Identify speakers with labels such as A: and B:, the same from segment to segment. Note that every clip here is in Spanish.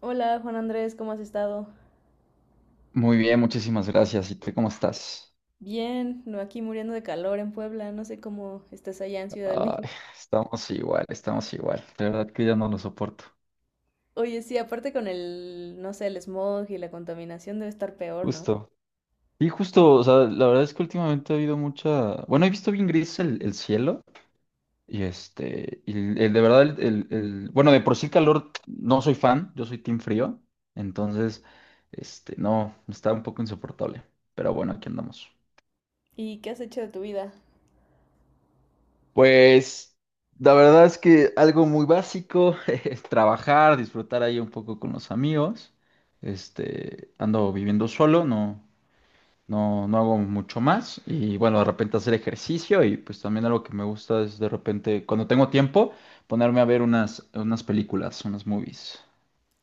A: Hola Juan Andrés, ¿cómo has estado?
B: Muy bien, muchísimas gracias. ¿Y tú cómo estás?
A: Bien, no aquí muriendo de calor en Puebla, no sé cómo estás allá en Ciudad de
B: Ay,
A: México.
B: estamos igual, estamos igual. De verdad que ya no lo soporto.
A: Oye, sí, aparte con no sé, el smog y la contaminación debe estar peor, ¿no?
B: Justo. Y justo, o sea, la verdad es que últimamente ha habido mucha... Bueno, he visto bien gris el cielo y y de verdad, Bueno, de por sí el calor no soy fan, yo soy team frío, entonces, no, está un poco insoportable, pero bueno, aquí andamos.
A: ¿Y qué has hecho de tu vida?
B: Pues la verdad es que algo muy básico es trabajar, disfrutar ahí un poco con los amigos. Ando viviendo solo, no, no hago mucho más. Y bueno, de repente hacer ejercicio y pues también algo que me gusta es de repente, cuando tengo tiempo, ponerme a ver unas películas, unas movies.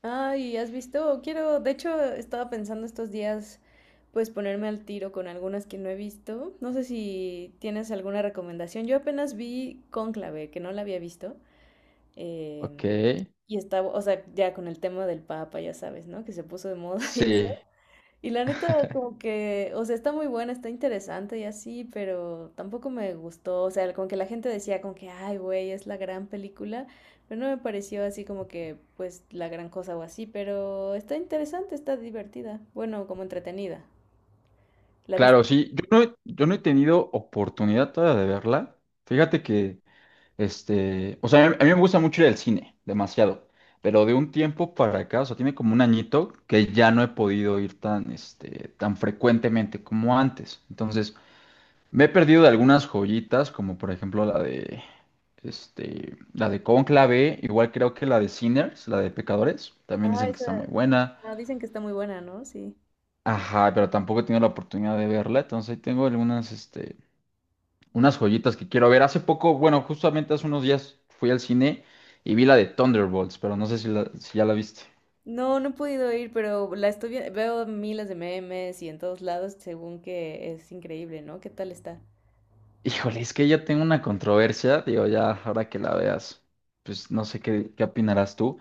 A: Ay, ¿has visto? Quiero, de hecho, estaba pensando estos días, pues ponerme al tiro con algunas que no he visto. No sé si tienes alguna recomendación. Yo apenas vi Cónclave, que no la había visto.
B: Ok.
A: em, y estaba, o sea, ya con el tema del Papa, ya sabes, ¿no? Que se puso de moda y eso.
B: Sí,
A: Y la neta, como que, o sea, está muy buena, está interesante y así, pero tampoco me gustó. O sea, como que la gente decía como que, ay, güey, es la gran película, pero no me pareció así como que, pues, la gran cosa o así, pero está interesante, está divertida. Bueno, como entretenida. ¿La viste?
B: claro, sí. Yo no he tenido oportunidad todavía de verla. Fíjate que o sea, a mí me gusta mucho ir al cine, demasiado. Pero de un tiempo para acá, o sea, tiene como un añito que ya no he podido ir tan, tan frecuentemente como antes. Entonces, me he perdido de algunas joyitas, como por ejemplo la de Cónclave, igual creo que la de Sinners, la de Pecadores, también
A: Ah,
B: dicen que está
A: esa.
B: muy buena.
A: Ajá, dicen que está muy buena, ¿no? Sí.
B: Ajá, pero tampoco he tenido la oportunidad de verla, entonces ahí tengo algunas, unas joyitas que quiero ver. Hace poco, bueno, justamente hace unos días fui al cine y vi la de Thunderbolts, pero no sé si, si ya la viste.
A: No, no he podido ir, pero la estoy viendo, veo miles de memes y en todos lados, según que es increíble, ¿no? ¿Qué tal está?
B: Híjole, es que yo tengo una controversia, digo, ya ahora que la veas, pues no sé qué, qué opinarás tú,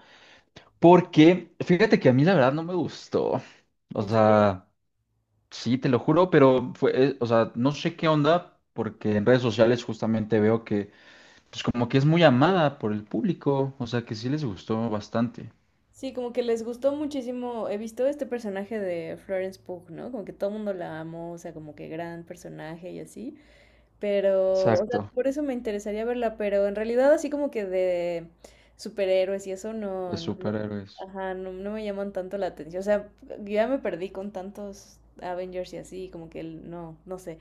B: porque fíjate que a mí la verdad no me gustó. O
A: ¿En serio?
B: sea, sí, te lo juro, pero fue, o sea, no sé qué onda, porque en redes sociales justamente veo que, pues como que es muy amada por el público, o sea, que sí les gustó bastante.
A: Sí, como que les gustó muchísimo. He visto este personaje de Florence Pugh, ¿no? Como que todo el mundo la amó, o sea, como que gran personaje y así. Pero, o sea,
B: Exacto,
A: por eso me interesaría verla, pero en realidad así como que de superhéroes y eso
B: de
A: no, no, me-
B: superhéroes.
A: ajá, no, no me llaman tanto la atención. O sea, ya me perdí con tantos Avengers y así, como que el- no, no sé,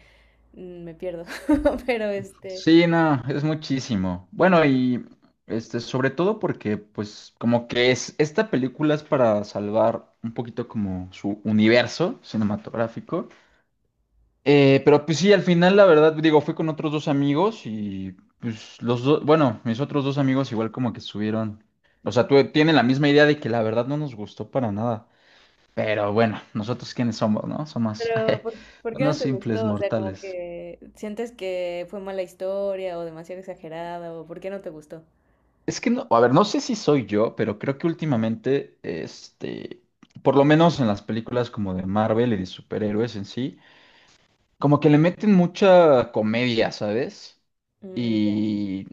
A: mm, me pierdo. Pero este,
B: Sí, no, es muchísimo. Bueno, y sobre todo porque, pues, esta película es para salvar un poquito como su universo cinematográfico. Pero pues sí, al final, la verdad, digo, fui con otros dos amigos y pues los dos, bueno, mis otros dos amigos igual como que subieron. O sea, tú tienen la misma idea de que la verdad no nos gustó para nada. Pero bueno, nosotros quiénes somos, ¿no? Somos
A: pero, ¿por, por qué no
B: unos
A: te
B: simples
A: gustó? O sea, como
B: mortales.
A: que sientes que fue mala historia o demasiado exagerada o ¿por qué no te gustó?
B: Es que no, a ver, no sé si soy yo, pero creo que últimamente, por lo menos en las películas como de Marvel y de superhéroes en sí, como que le meten mucha comedia, ¿sabes?
A: Mm, ya.
B: Y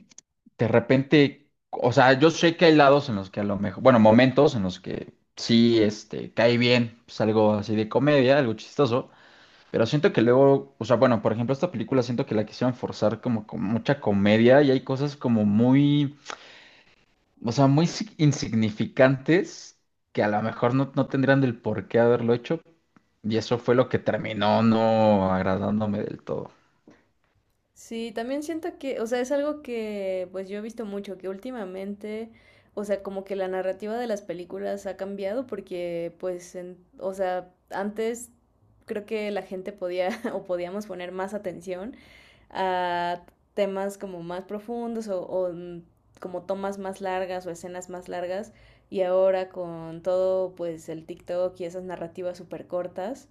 B: de repente, o sea, yo sé que hay lados en los que a lo mejor, bueno, momentos en los que sí, cae bien, pues algo así de comedia, algo chistoso, pero siento que luego, o sea, bueno, por ejemplo, esta película siento que la quisieron forzar como con mucha comedia y hay cosas como muy o sea, muy insignificantes que a lo mejor no, no tendrían del por qué haberlo hecho. Y eso fue lo que terminó no agradándome del todo.
A: Sí, también siento que, o sea, es algo que pues yo he visto mucho, que últimamente, o sea, como que la narrativa de las películas ha cambiado porque pues, en- o sea, antes creo que la gente podía o podíamos poner más atención a temas como más profundos o mm, como tomas más largas o escenas más largas y ahora con todo pues el TikTok y esas narrativas súper cortas,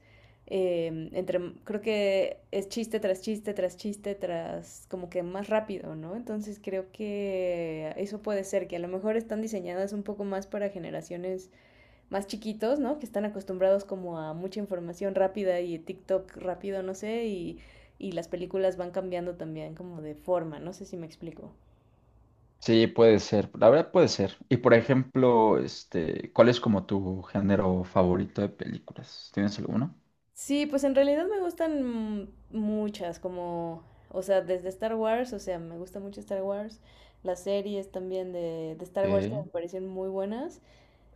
A: entre, creo que es chiste tras chiste, tras chiste, tras como que más rápido, ¿no? Entonces creo que eso puede ser, que a lo mejor están diseñadas un poco más para generaciones más chiquitos, ¿no? Que están acostumbrados como a mucha información rápida y TikTok rápido, no sé, y las películas van cambiando también como de forma, no sé si me explico.
B: Sí, puede ser. La verdad puede ser. Y por ejemplo, ¿cuál es como tu género favorito de películas? ¿Tienes alguno?
A: Sí, pues en realidad me gustan muchas, como, o sea, desde Star Wars, o sea, me gusta mucho Star Wars, las series también de Star Wars que
B: Ok,
A: me parecen muy buenas.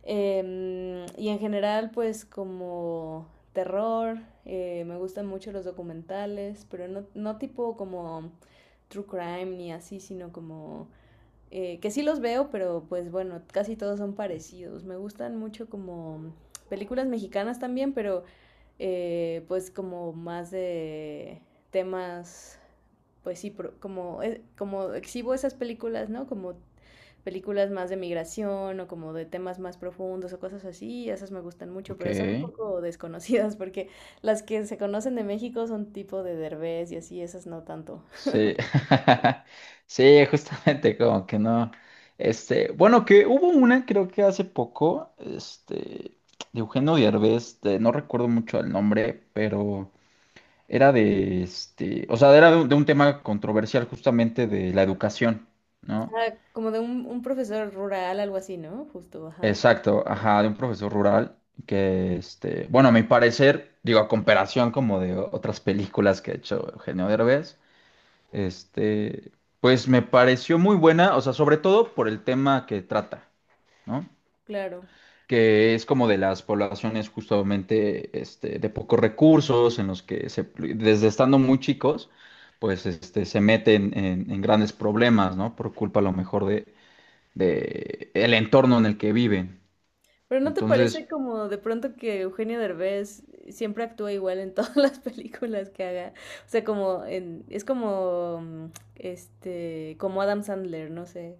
A: Y en general, pues como terror, me gustan mucho los documentales, pero no, no tipo como true crime ni así, sino como que sí los veo, pero pues bueno, casi todos son parecidos. Me gustan mucho como películas mexicanas también, pero pues como más de temas, pues sí, pro- como, como exhibo esas películas, ¿no? Como películas más de migración o como de temas más profundos o cosas así, y esas me gustan mucho,
B: ok.
A: pero son un poco desconocidas porque las que se conocen de México son tipo de Derbez y así, esas no tanto.
B: Sí, sí, justamente como que no. Bueno, que hubo una, creo que hace poco, de Eugenio Derbez, no recuerdo mucho el nombre, pero era de, o sea, era de un tema controversial justamente de la educación, ¿no?
A: Ah, como de un profesor rural, algo así, ¿no? Justo, ajá,
B: Exacto, ajá, de un profesor rural que, bueno, a mi parecer, digo, a comparación como de otras películas que ha hecho Eugenio Derbez. Este, pues me pareció muy buena, o sea, sobre todo por el tema que trata, ¿no?
A: claro.
B: Que es como de las poblaciones justamente de pocos recursos, en los que desde estando muy chicos, pues se meten en grandes problemas, ¿no? Por culpa a lo mejor de el entorno en el que viven.
A: Pero ¿no te
B: Entonces,
A: parece como de pronto que Eugenio Derbez siempre actúa igual en todas las películas que haga? O sea, como en, es como mm, este, como Adam Sandler, no sé.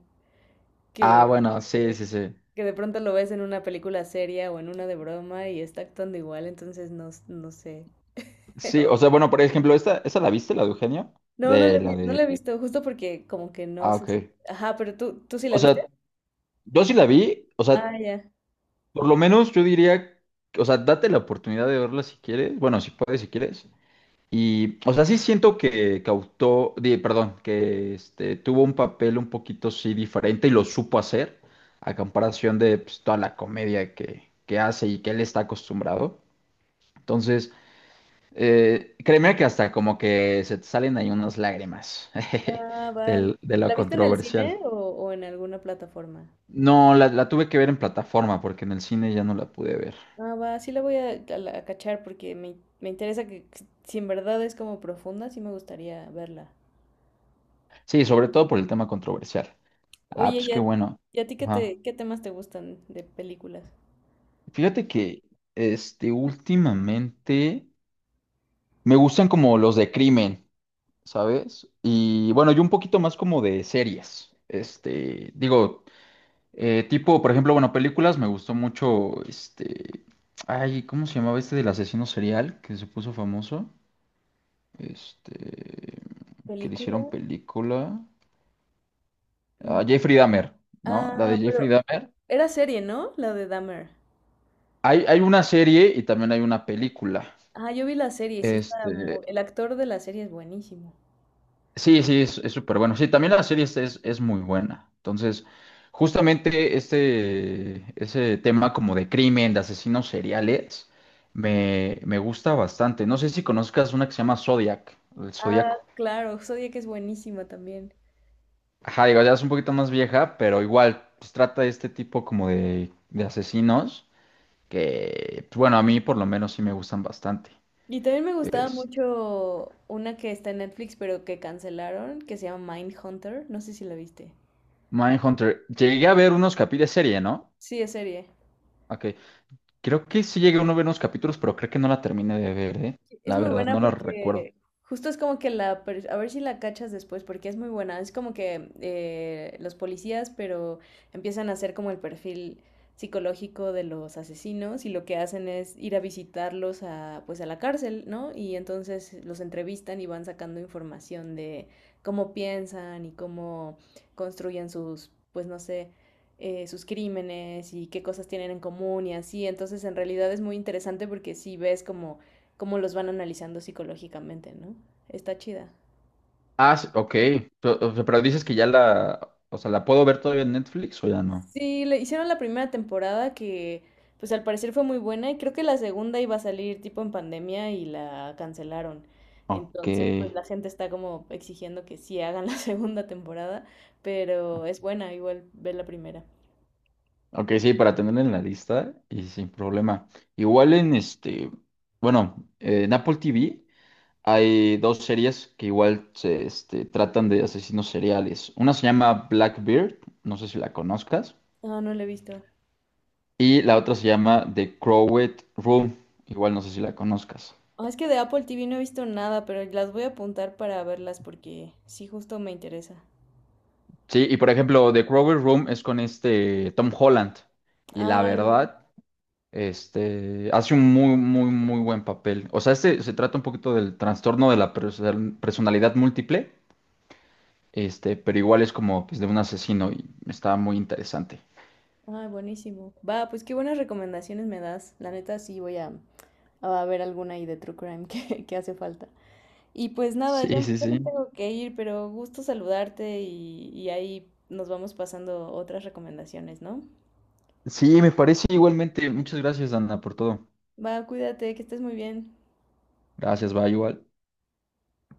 A: que,
B: ah, bueno, sí, sí, sí.
A: que de pronto lo ves en una película seria o en una de broma y está actuando igual, entonces no, s- no sé.
B: Sí, o sea, bueno, por ejemplo, esta, ¿esta la viste, la de Eugenio?
A: No, no la,
B: De
A: he-
B: la
A: vi- no la he
B: de.
A: visto, justo porque como que no
B: Ah,
A: sé
B: ok.
A: si... Ajá, pero tú, ¿tú sí la
B: O sea,
A: viste?
B: yo sí la vi, o
A: Ah,
B: sea,
A: ya.
B: por lo menos yo diría, o sea, date la oportunidad de verla si quieres, bueno, si puedes, si quieres. Y, o sea, sí siento que cautó, perdón, que tuvo un papel un poquito sí diferente y lo supo hacer a comparación de pues, toda la comedia que hace y que él está acostumbrado. Entonces, créeme que hasta como que se te salen ahí unas lágrimas jeje,
A: Ah, va.
B: de lo
A: ¿La viste en el
B: controversial.
A: cine o en alguna plataforma?
B: No, la tuve que ver en plataforma porque en el cine ya no la pude ver.
A: Ah, va, sí la voy a la- a cachar porque me interesa que si en verdad es como profunda, sí me gustaría verla.
B: Sí, sobre todo por el tema controversial. Ah,
A: Oye,
B: pues qué bueno.
A: y a ti qué
B: Ajá.
A: te, qué temas te gustan de películas?
B: Fíjate que últimamente me gustan como los de crimen, ¿sabes? Y bueno, yo un poquito más como de series. Digo, tipo, por ejemplo, bueno, películas me gustó mucho ay, ¿cómo se llamaba este del asesino serial que se puso famoso? Este, que le
A: ¿Película?
B: hicieron película. Ah, Jeffrey Dahmer, ¿no? La de
A: Ah,
B: Jeffrey
A: pero
B: Dahmer.
A: era serie, ¿no? La de Dahmer.
B: Hay una serie y también hay una película.
A: Ah, yo vi la serie, sí está
B: Este,
A: mu- el actor de la serie es buenísimo.
B: sí, sí, es súper bueno. Sí, también la serie es muy buena. Entonces, justamente ese tema como de crimen, de asesinos seriales, me gusta bastante. No sé si conozcas una que se llama Zodiac, el
A: Ah,
B: Zodíaco.
A: claro, Zodiac es buenísima también.
B: Ajá, digo, ya es un poquito más vieja, pero igual, pues trata de este tipo como de asesinos que, pues, bueno, a mí por lo menos sí me gustan bastante.
A: Y también me gustaba mucho una que está en Netflix, pero que cancelaron, que se llama Mindhunter. No sé si la viste.
B: Mindhunter. Llegué a ver unos capítulos de serie, ¿no?
A: Sí, es serie.
B: Ok. Creo que sí llegué a uno ver unos capítulos, pero creo que no la terminé de ver, ¿eh?
A: Es
B: La
A: muy
B: verdad,
A: buena
B: no la recuerdo.
A: porque justo es como que la... per- a ver si la cachas después porque es muy buena. Es como que los policías, pero empiezan a hacer como el perfil psicológico de los asesinos y lo que hacen es ir a visitarlos a, pues a la cárcel, ¿no? Y entonces los entrevistan y van sacando información de cómo piensan y cómo construyen sus, pues no sé, sus crímenes y qué cosas tienen en común y así. Entonces en realidad es muy interesante porque si ves como cómo los van analizando psicológicamente, ¿no? Está chida.
B: Ah, sí, ok. Pero, o sea, pero dices que ya la. O sea, ¿la puedo ver todavía en Netflix o ya no?
A: Sí, le hicieron la primera temporada que pues al parecer fue muy buena y creo que la segunda iba a salir tipo en pandemia y la cancelaron.
B: Ok.
A: Entonces, pues la gente está como exigiendo que sí hagan la segunda temporada, pero es buena igual ver la primera.
B: Ok, sí, para tenerla en la lista y sin problema. Igual en este. Bueno, en Apple TV hay dos series que igual se tratan de asesinos seriales. Una se llama Blackbeard, no sé si la conozcas.
A: Ah, no la he visto.
B: Y la otra se llama The Crowded Room. Igual no sé si la conozcas.
A: Ah, es que de Apple TV no he visto nada, pero las voy a apuntar para verlas porque sí justo me interesa.
B: Sí, y por ejemplo, The Crowded Room es con este Tom Holland. Y la
A: Ah,
B: verdad, este hace un muy buen papel. O sea, este se trata un poquito del trastorno de la personalidad múltiple. Pero igual es como pues, de un asesino y está muy interesante.
A: ah, buenísimo. Va, pues qué buenas recomendaciones me das. La neta sí voy a ver alguna ahí de true crime que hace falta. Y pues nada, ya,
B: Sí, sí,
A: ya me
B: sí.
A: tengo que ir, pero gusto saludarte y ahí nos vamos pasando otras recomendaciones, ¿no?
B: Sí, me parece igualmente. Muchas gracias, Ana, por todo.
A: Va, cuídate, que estés muy bien.
B: Gracias, va igual.